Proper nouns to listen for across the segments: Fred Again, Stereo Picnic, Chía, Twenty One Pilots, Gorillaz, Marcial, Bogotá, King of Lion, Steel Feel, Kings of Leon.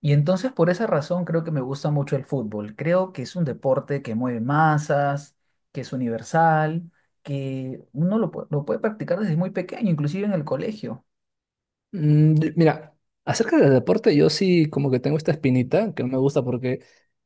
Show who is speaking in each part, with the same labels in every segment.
Speaker 1: Y entonces por esa razón creo que me gusta mucho el fútbol. Creo que es un deporte que mueve masas, que es universal, que uno lo puede practicar desde muy pequeño, inclusive en el colegio.
Speaker 2: Mira, acerca del deporte, yo sí como que tengo esta espinita que no me gusta porque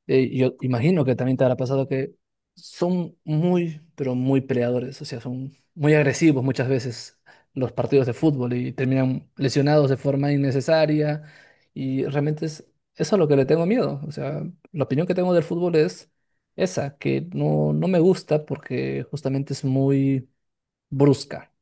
Speaker 2: yo imagino que también te habrá pasado que son muy, pero muy peleadores, o sea, son muy agresivos muchas veces los partidos de fútbol y terminan lesionados de forma innecesaria y realmente es eso a lo que le tengo miedo, o sea, la opinión que tengo del fútbol es esa, que no, no me gusta porque justamente es muy brusca.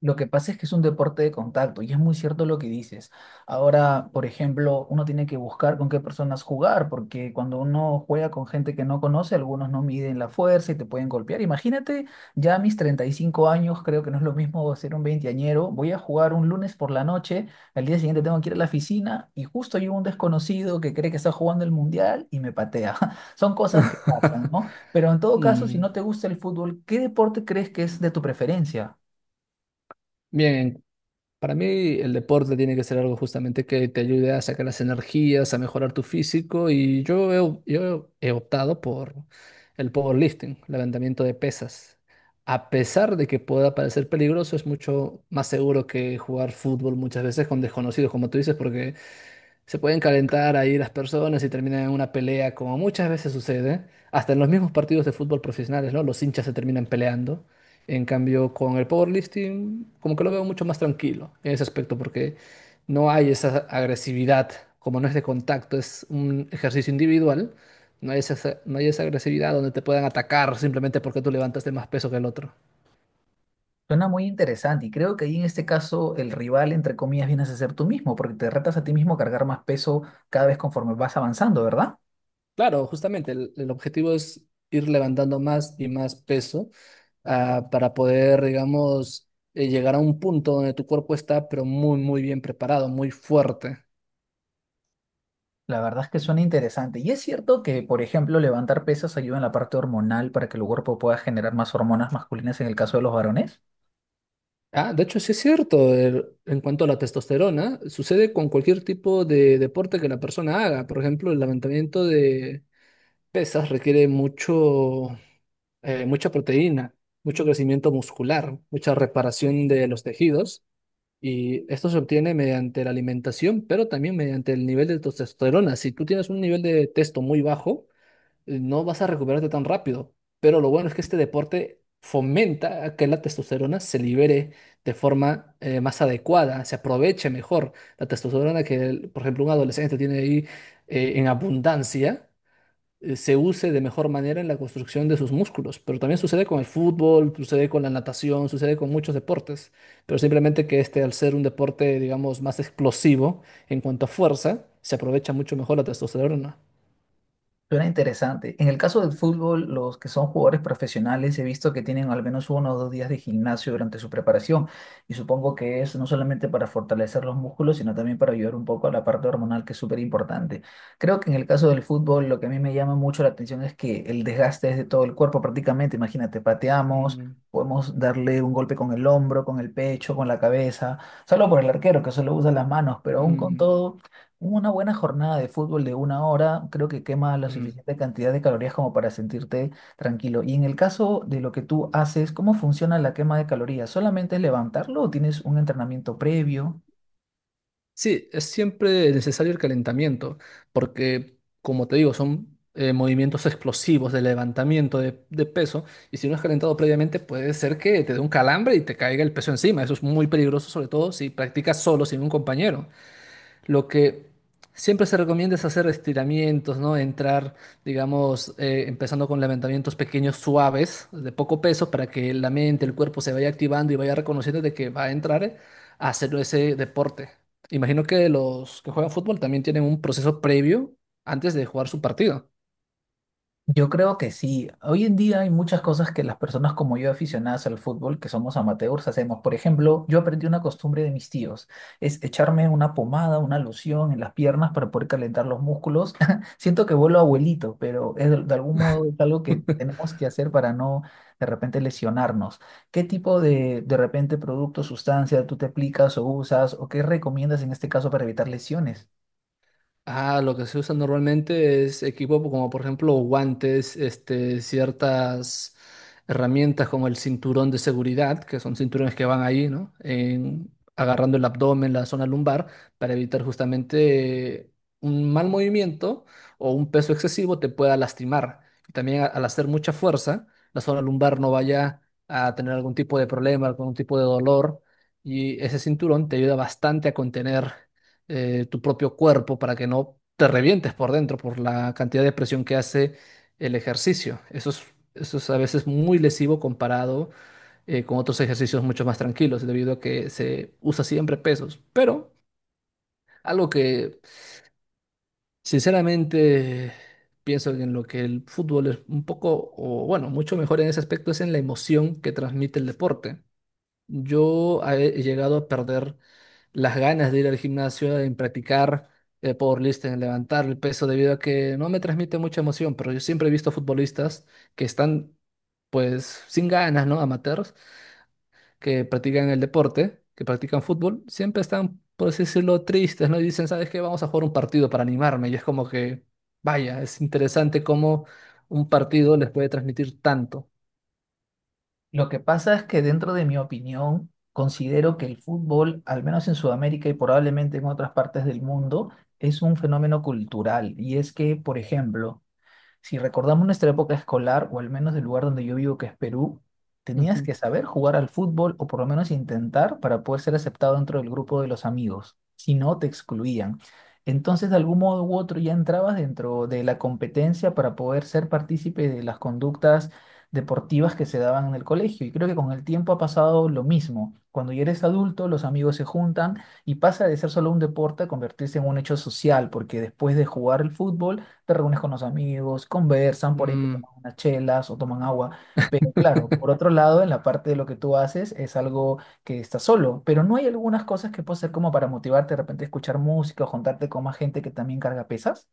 Speaker 1: Lo que pasa es que es un deporte de contacto y es muy cierto lo que dices. Ahora, por ejemplo, uno tiene que buscar con qué personas jugar, porque cuando uno juega con gente que no conoce, algunos no miden la fuerza y te pueden golpear. Imagínate, ya a mis 35 años, creo que no es lo mismo ser un veinteañero. Voy a jugar un lunes por la noche, al día siguiente tengo que ir a la oficina y justo hay un desconocido que cree que está jugando el mundial y me patea. Son cosas que pasan, ¿no? Pero en todo caso, si
Speaker 2: Mm.
Speaker 1: no te gusta el fútbol, ¿qué deporte crees que es de tu preferencia?
Speaker 2: Bien, para mí el deporte tiene que ser algo justamente que te ayude a sacar las energías, a mejorar tu físico y yo he optado por el powerlifting, levantamiento de pesas. A pesar de que pueda parecer peligroso, es mucho más seguro que jugar fútbol muchas veces con desconocidos, como tú dices, porque se pueden calentar ahí las personas y terminan en una pelea, como muchas veces sucede, hasta en los mismos partidos de fútbol profesionales, ¿no? Los hinchas se terminan peleando. En cambio, con el powerlifting, como que lo veo mucho más tranquilo en ese aspecto, porque no hay esa agresividad, como no es de contacto, es un ejercicio individual, no hay esa agresividad donde te puedan atacar simplemente porque tú levantaste más peso que el otro.
Speaker 1: Suena muy interesante y creo que ahí en este caso el rival, entre comillas, vienes a ser tú mismo, porque te retas a ti mismo a cargar más peso cada vez conforme vas avanzando, ¿verdad?
Speaker 2: Claro, justamente el objetivo es ir levantando más y más peso para poder, digamos, llegar a un punto donde tu cuerpo está, pero muy, muy bien preparado, muy fuerte.
Speaker 1: La verdad es que suena interesante. Y es cierto que, por ejemplo, levantar pesas ayuda en la parte hormonal para que el cuerpo pueda generar más hormonas masculinas en el caso de los varones.
Speaker 2: Ah, de hecho, sí es cierto, el- en cuanto a la testosterona, sucede con cualquier tipo de deporte que la persona haga. Por ejemplo, el levantamiento de pesas requiere mucho, mucha proteína, mucho crecimiento muscular, mucha reparación de los tejidos. Y esto se obtiene mediante la alimentación, pero también mediante el nivel de testosterona. Si tú tienes un nivel de testo muy bajo, no vas a recuperarte tan rápido. Pero lo bueno es que este deporte fomenta a que la testosterona se libere de forma más adecuada, se aproveche mejor la testosterona que, el- por ejemplo, un adolescente tiene ahí en abundancia se use de mejor manera en la construcción de sus músculos. Pero también sucede con el fútbol, sucede con la natación, sucede con muchos deportes. Pero simplemente que este, al ser un deporte, digamos, más explosivo en cuanto a fuerza, se aprovecha mucho mejor la testosterona.
Speaker 1: Suena interesante. En el caso del fútbol, los que son jugadores profesionales, he visto que tienen al menos uno o dos días de gimnasio durante su preparación y supongo que es no solamente para fortalecer los músculos, sino también para ayudar un poco a la parte hormonal, que es súper importante. Creo que en el caso del fútbol, lo que a mí me llama mucho la atención es que el desgaste es de todo el cuerpo prácticamente. Imagínate, pateamos.
Speaker 2: Mm,
Speaker 1: Podemos darle un golpe con el hombro, con el pecho, con la cabeza, solo por el arquero que solo usa las manos, pero aún con
Speaker 2: mm,
Speaker 1: todo una buena jornada de fútbol de una hora creo que quema la
Speaker 2: mm.
Speaker 1: suficiente cantidad de calorías como para sentirte tranquilo. Y en el caso de lo que tú haces, ¿cómo funciona la quema de calorías? ¿Solamente es levantarlo o tienes un entrenamiento previo?
Speaker 2: Sí, es siempre necesario el calentamiento, porque, como te digo, son movimientos explosivos de levantamiento de peso, y si no has calentado previamente, puede ser que te dé un calambre y te caiga el peso encima. Eso es muy peligroso, sobre todo si practicas solo, sin un compañero. Lo que siempre se recomienda es hacer estiramientos, ¿no? Entrar, digamos, empezando con levantamientos pequeños, suaves, de poco peso, para que la mente, el cuerpo se vaya activando y vaya reconociendo de que va a entrar a hacer ese deporte. Imagino que los que juegan fútbol también tienen un proceso previo antes de jugar su partido.
Speaker 1: Yo creo que sí. Hoy en día hay muchas cosas que las personas como yo, aficionadas al fútbol, que somos amateurs, hacemos. Por ejemplo, yo aprendí una costumbre de mis tíos, es echarme una pomada, una loción en las piernas para poder calentar los músculos. Siento que vuelvo abuelito, pero es de algún modo es algo que tenemos que hacer para no de repente lesionarnos. ¿Qué tipo de repente producto, sustancia tú te aplicas o usas o qué recomiendas en este caso para evitar lesiones?
Speaker 2: Ah, lo que se usa normalmente es equipo pues, como por ejemplo guantes, este, ciertas herramientas como el cinturón de seguridad, que son cinturones que van ahí, ¿no? En- agarrando el abdomen, la zona lumbar, para evitar justamente un mal movimiento o un peso excesivo te pueda lastimar. Y también a- al hacer mucha fuerza, la zona lumbar no vaya a tener algún tipo de problema, algún tipo de dolor, y ese cinturón te ayuda bastante a contener tu propio cuerpo para que no te revientes por dentro por la cantidad de presión que hace el ejercicio. Eso es a veces muy lesivo comparado con otros ejercicios mucho más tranquilos, debido a que se usa siempre pesos. Pero algo que sinceramente pienso en lo que el fútbol es un poco, o bueno, mucho mejor en ese aspecto es en la emoción que transmite el deporte. Yo he llegado a perder las ganas de ir al gimnasio, en practicar powerlifting, en levantar el peso, debido a que no me transmite mucha emoción, pero yo siempre he visto futbolistas que están pues sin ganas, ¿no? Amateurs, que practican el deporte, que practican fútbol, siempre están, por así decirlo, tristes, ¿no? Y dicen, ¿sabes qué? Vamos a jugar un partido para animarme. Y es como que, vaya, es interesante cómo un partido les puede transmitir tanto.
Speaker 1: Lo que pasa es que dentro de mi opinión, considero que el fútbol, al menos en Sudamérica y probablemente en otras partes del mundo, es un fenómeno cultural. Y es que, por ejemplo, si recordamos nuestra época escolar, o al menos del lugar donde yo vivo, que es Perú, tenías
Speaker 2: Ujú.
Speaker 1: que saber jugar al fútbol o por lo menos intentar para poder ser aceptado dentro del grupo de los amigos. Si no, te excluían. Entonces, de algún modo u otro, ya entrabas dentro de la competencia para poder ser partícipe de las conductas deportivas que se daban en el colegio. Y creo que con el tiempo ha pasado lo mismo. Cuando ya eres adulto, los amigos se juntan y pasa de ser solo un deporte a convertirse en un hecho social, porque después de jugar el fútbol, te reúnes con los amigos, conversan por ahí, que
Speaker 2: Mm.
Speaker 1: toman unas chelas o toman agua. Pero claro, por otro lado, en la parte de lo que tú haces es algo que estás solo, pero no hay algunas cosas que puedas hacer como para motivarte, de repente escuchar música o juntarte con más gente que también carga pesas.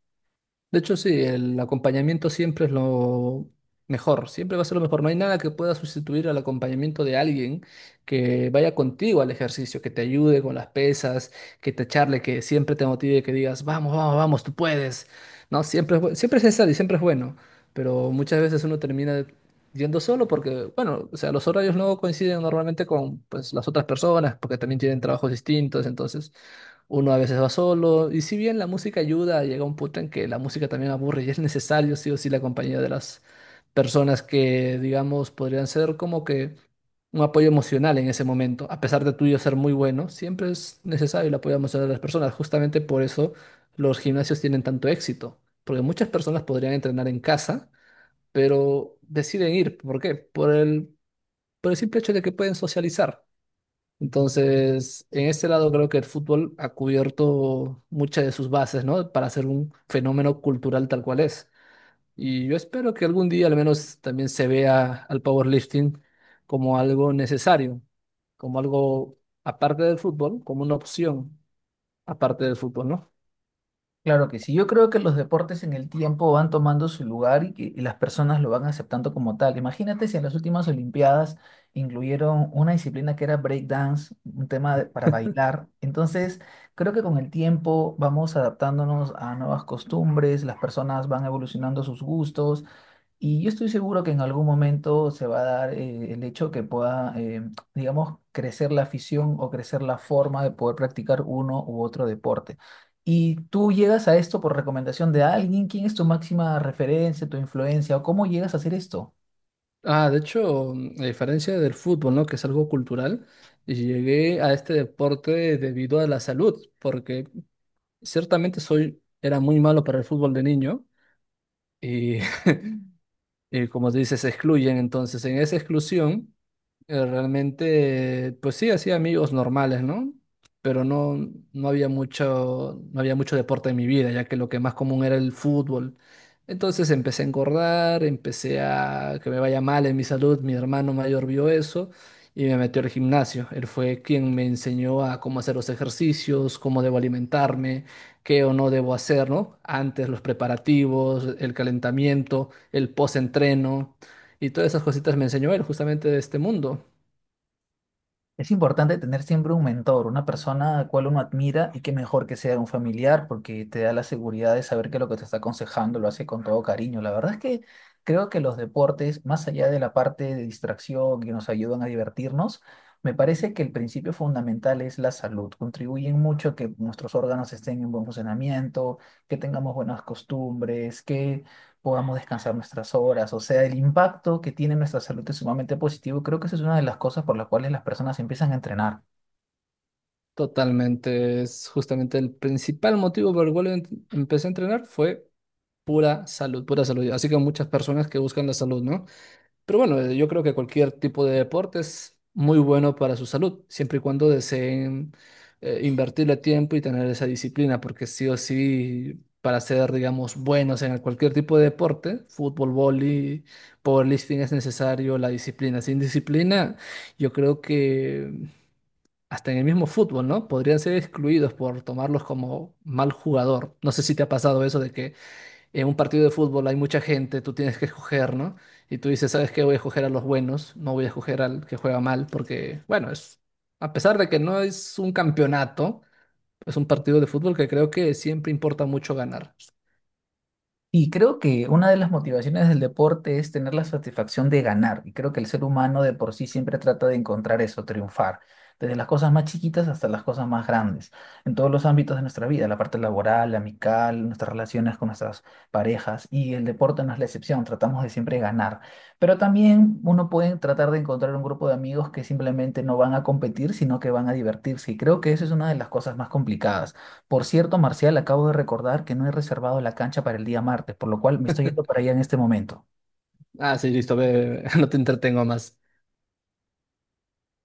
Speaker 2: De hecho, sí, el acompañamiento siempre es lo mejor, siempre va a ser lo mejor. No hay nada que pueda sustituir al acompañamiento de alguien que vaya contigo al ejercicio, que te ayude con las pesas, que te charle, que siempre te motive, que digas, vamos, vamos, vamos, tú puedes. No, siempre es necesario y siempre es bueno, pero muchas veces uno termina yendo solo porque, bueno, o sea, los horarios no coinciden normalmente con pues, las otras personas porque también tienen trabajos distintos, entonces... Uno a veces va solo, y si bien la música ayuda, llega un punto en que la música también aburre y es necesario sí o sí la compañía de las personas que, digamos, podrían ser como que un apoyo emocional en ese momento. A pesar de tuyo ser muy bueno, siempre es necesario el apoyo emocional de las personas. Justamente por eso los gimnasios tienen tanto éxito, porque muchas personas podrían entrenar en casa, pero deciden ir. ¿Por qué? Por el simple hecho de que pueden socializar. Entonces, en este lado creo que el fútbol ha cubierto muchas de sus bases, ¿no? Para ser un fenómeno cultural tal cual es. Y yo espero que algún día al menos también se vea al powerlifting como algo necesario, como algo aparte del fútbol, como una opción aparte del fútbol, ¿no?
Speaker 1: Claro que sí, yo creo que los deportes en el tiempo van tomando su lugar y que las personas lo van aceptando como tal. Imagínate si en las últimas Olimpiadas incluyeron una disciplina que era breakdance, un para bailar. Entonces, creo que con el tiempo vamos adaptándonos a nuevas costumbres, las personas van evolucionando sus gustos y yo estoy seguro que en algún momento se va a dar el hecho que pueda, digamos, crecer la afición o crecer la forma de poder practicar uno u otro deporte. ¿Y tú llegas a esto por recomendación de alguien? ¿Quién es tu máxima referencia, tu influencia o cómo llegas a hacer esto?
Speaker 2: Ah, de hecho, a diferencia del fútbol, ¿no? Que es algo cultural, llegué a este deporte debido a la salud, porque ciertamente soy, era muy malo para el fútbol de niño. Y y como dices, se excluyen. Entonces, en esa exclusión, realmente, pues sí, hacía amigos normales, ¿no? Pero no, no había mucho deporte en mi vida, ya que lo que más común era el fútbol. Entonces empecé a engordar, empecé a que me vaya mal en mi salud. Mi hermano mayor vio eso y me metió al gimnasio. Él fue quien me enseñó a cómo hacer los ejercicios, cómo debo alimentarme qué o no debo hacer, ¿no? Antes los preparativos, el calentamiento, el post-entreno y todas esas cositas me enseñó él justamente de este mundo.
Speaker 1: Es importante tener siempre un mentor, una persona a la cual uno admira y que mejor que sea un familiar porque te da la seguridad de saber que lo que te está aconsejando lo hace con todo cariño. La verdad es que creo que los deportes, más allá de la parte de distracción que nos ayudan a divertirnos, me parece que el principio fundamental es la salud. Contribuyen mucho a que nuestros órganos estén en buen funcionamiento, que tengamos buenas costumbres, que podamos descansar nuestras horas. O sea, el impacto que tiene en nuestra salud es sumamente positivo. Creo que esa es una de las cosas por las cuales las personas empiezan a entrenar.
Speaker 2: Totalmente, es justamente el principal motivo por el cual empecé a entrenar fue pura salud, pura salud. Así que muchas personas que buscan la salud, ¿no? Pero bueno, yo creo que cualquier tipo de deporte es muy bueno para su salud, siempre y cuando deseen invertirle tiempo y tener esa disciplina, porque sí o sí, para ser, digamos, buenos en cualquier tipo de deporte, fútbol, vóley, powerlifting, es necesario la disciplina. Sin disciplina, yo creo que hasta en el mismo fútbol, ¿no? Podrían ser excluidos por tomarlos como mal jugador. No sé si te ha pasado eso de que en un partido de fútbol hay mucha gente, tú tienes que escoger, ¿no? Y tú dices, ¿sabes qué? Voy a escoger a los buenos, no voy a escoger al que juega mal, porque, bueno, es, a pesar de que no es un campeonato, es un partido de fútbol que creo que siempre importa mucho ganar.
Speaker 1: Y creo que una de las motivaciones del deporte es tener la satisfacción de ganar. Y creo que el ser humano de por sí siempre trata de encontrar eso, triunfar. Desde las cosas más chiquitas hasta las cosas más grandes. En todos los ámbitos de nuestra vida, la parte laboral, la amical, nuestras relaciones con nuestras parejas. Y el deporte no es la excepción, tratamos de siempre ganar. Pero también uno puede tratar de encontrar un grupo de amigos que simplemente no van a competir, sino que van a divertirse. Y creo que eso es una de las cosas más complicadas. Por cierto, Marcial, acabo de recordar que no he reservado la cancha para el día martes, por lo cual me estoy yendo para allá en este momento.
Speaker 2: Ah, sí, listo, ve, ve, ve, no te entretengo más.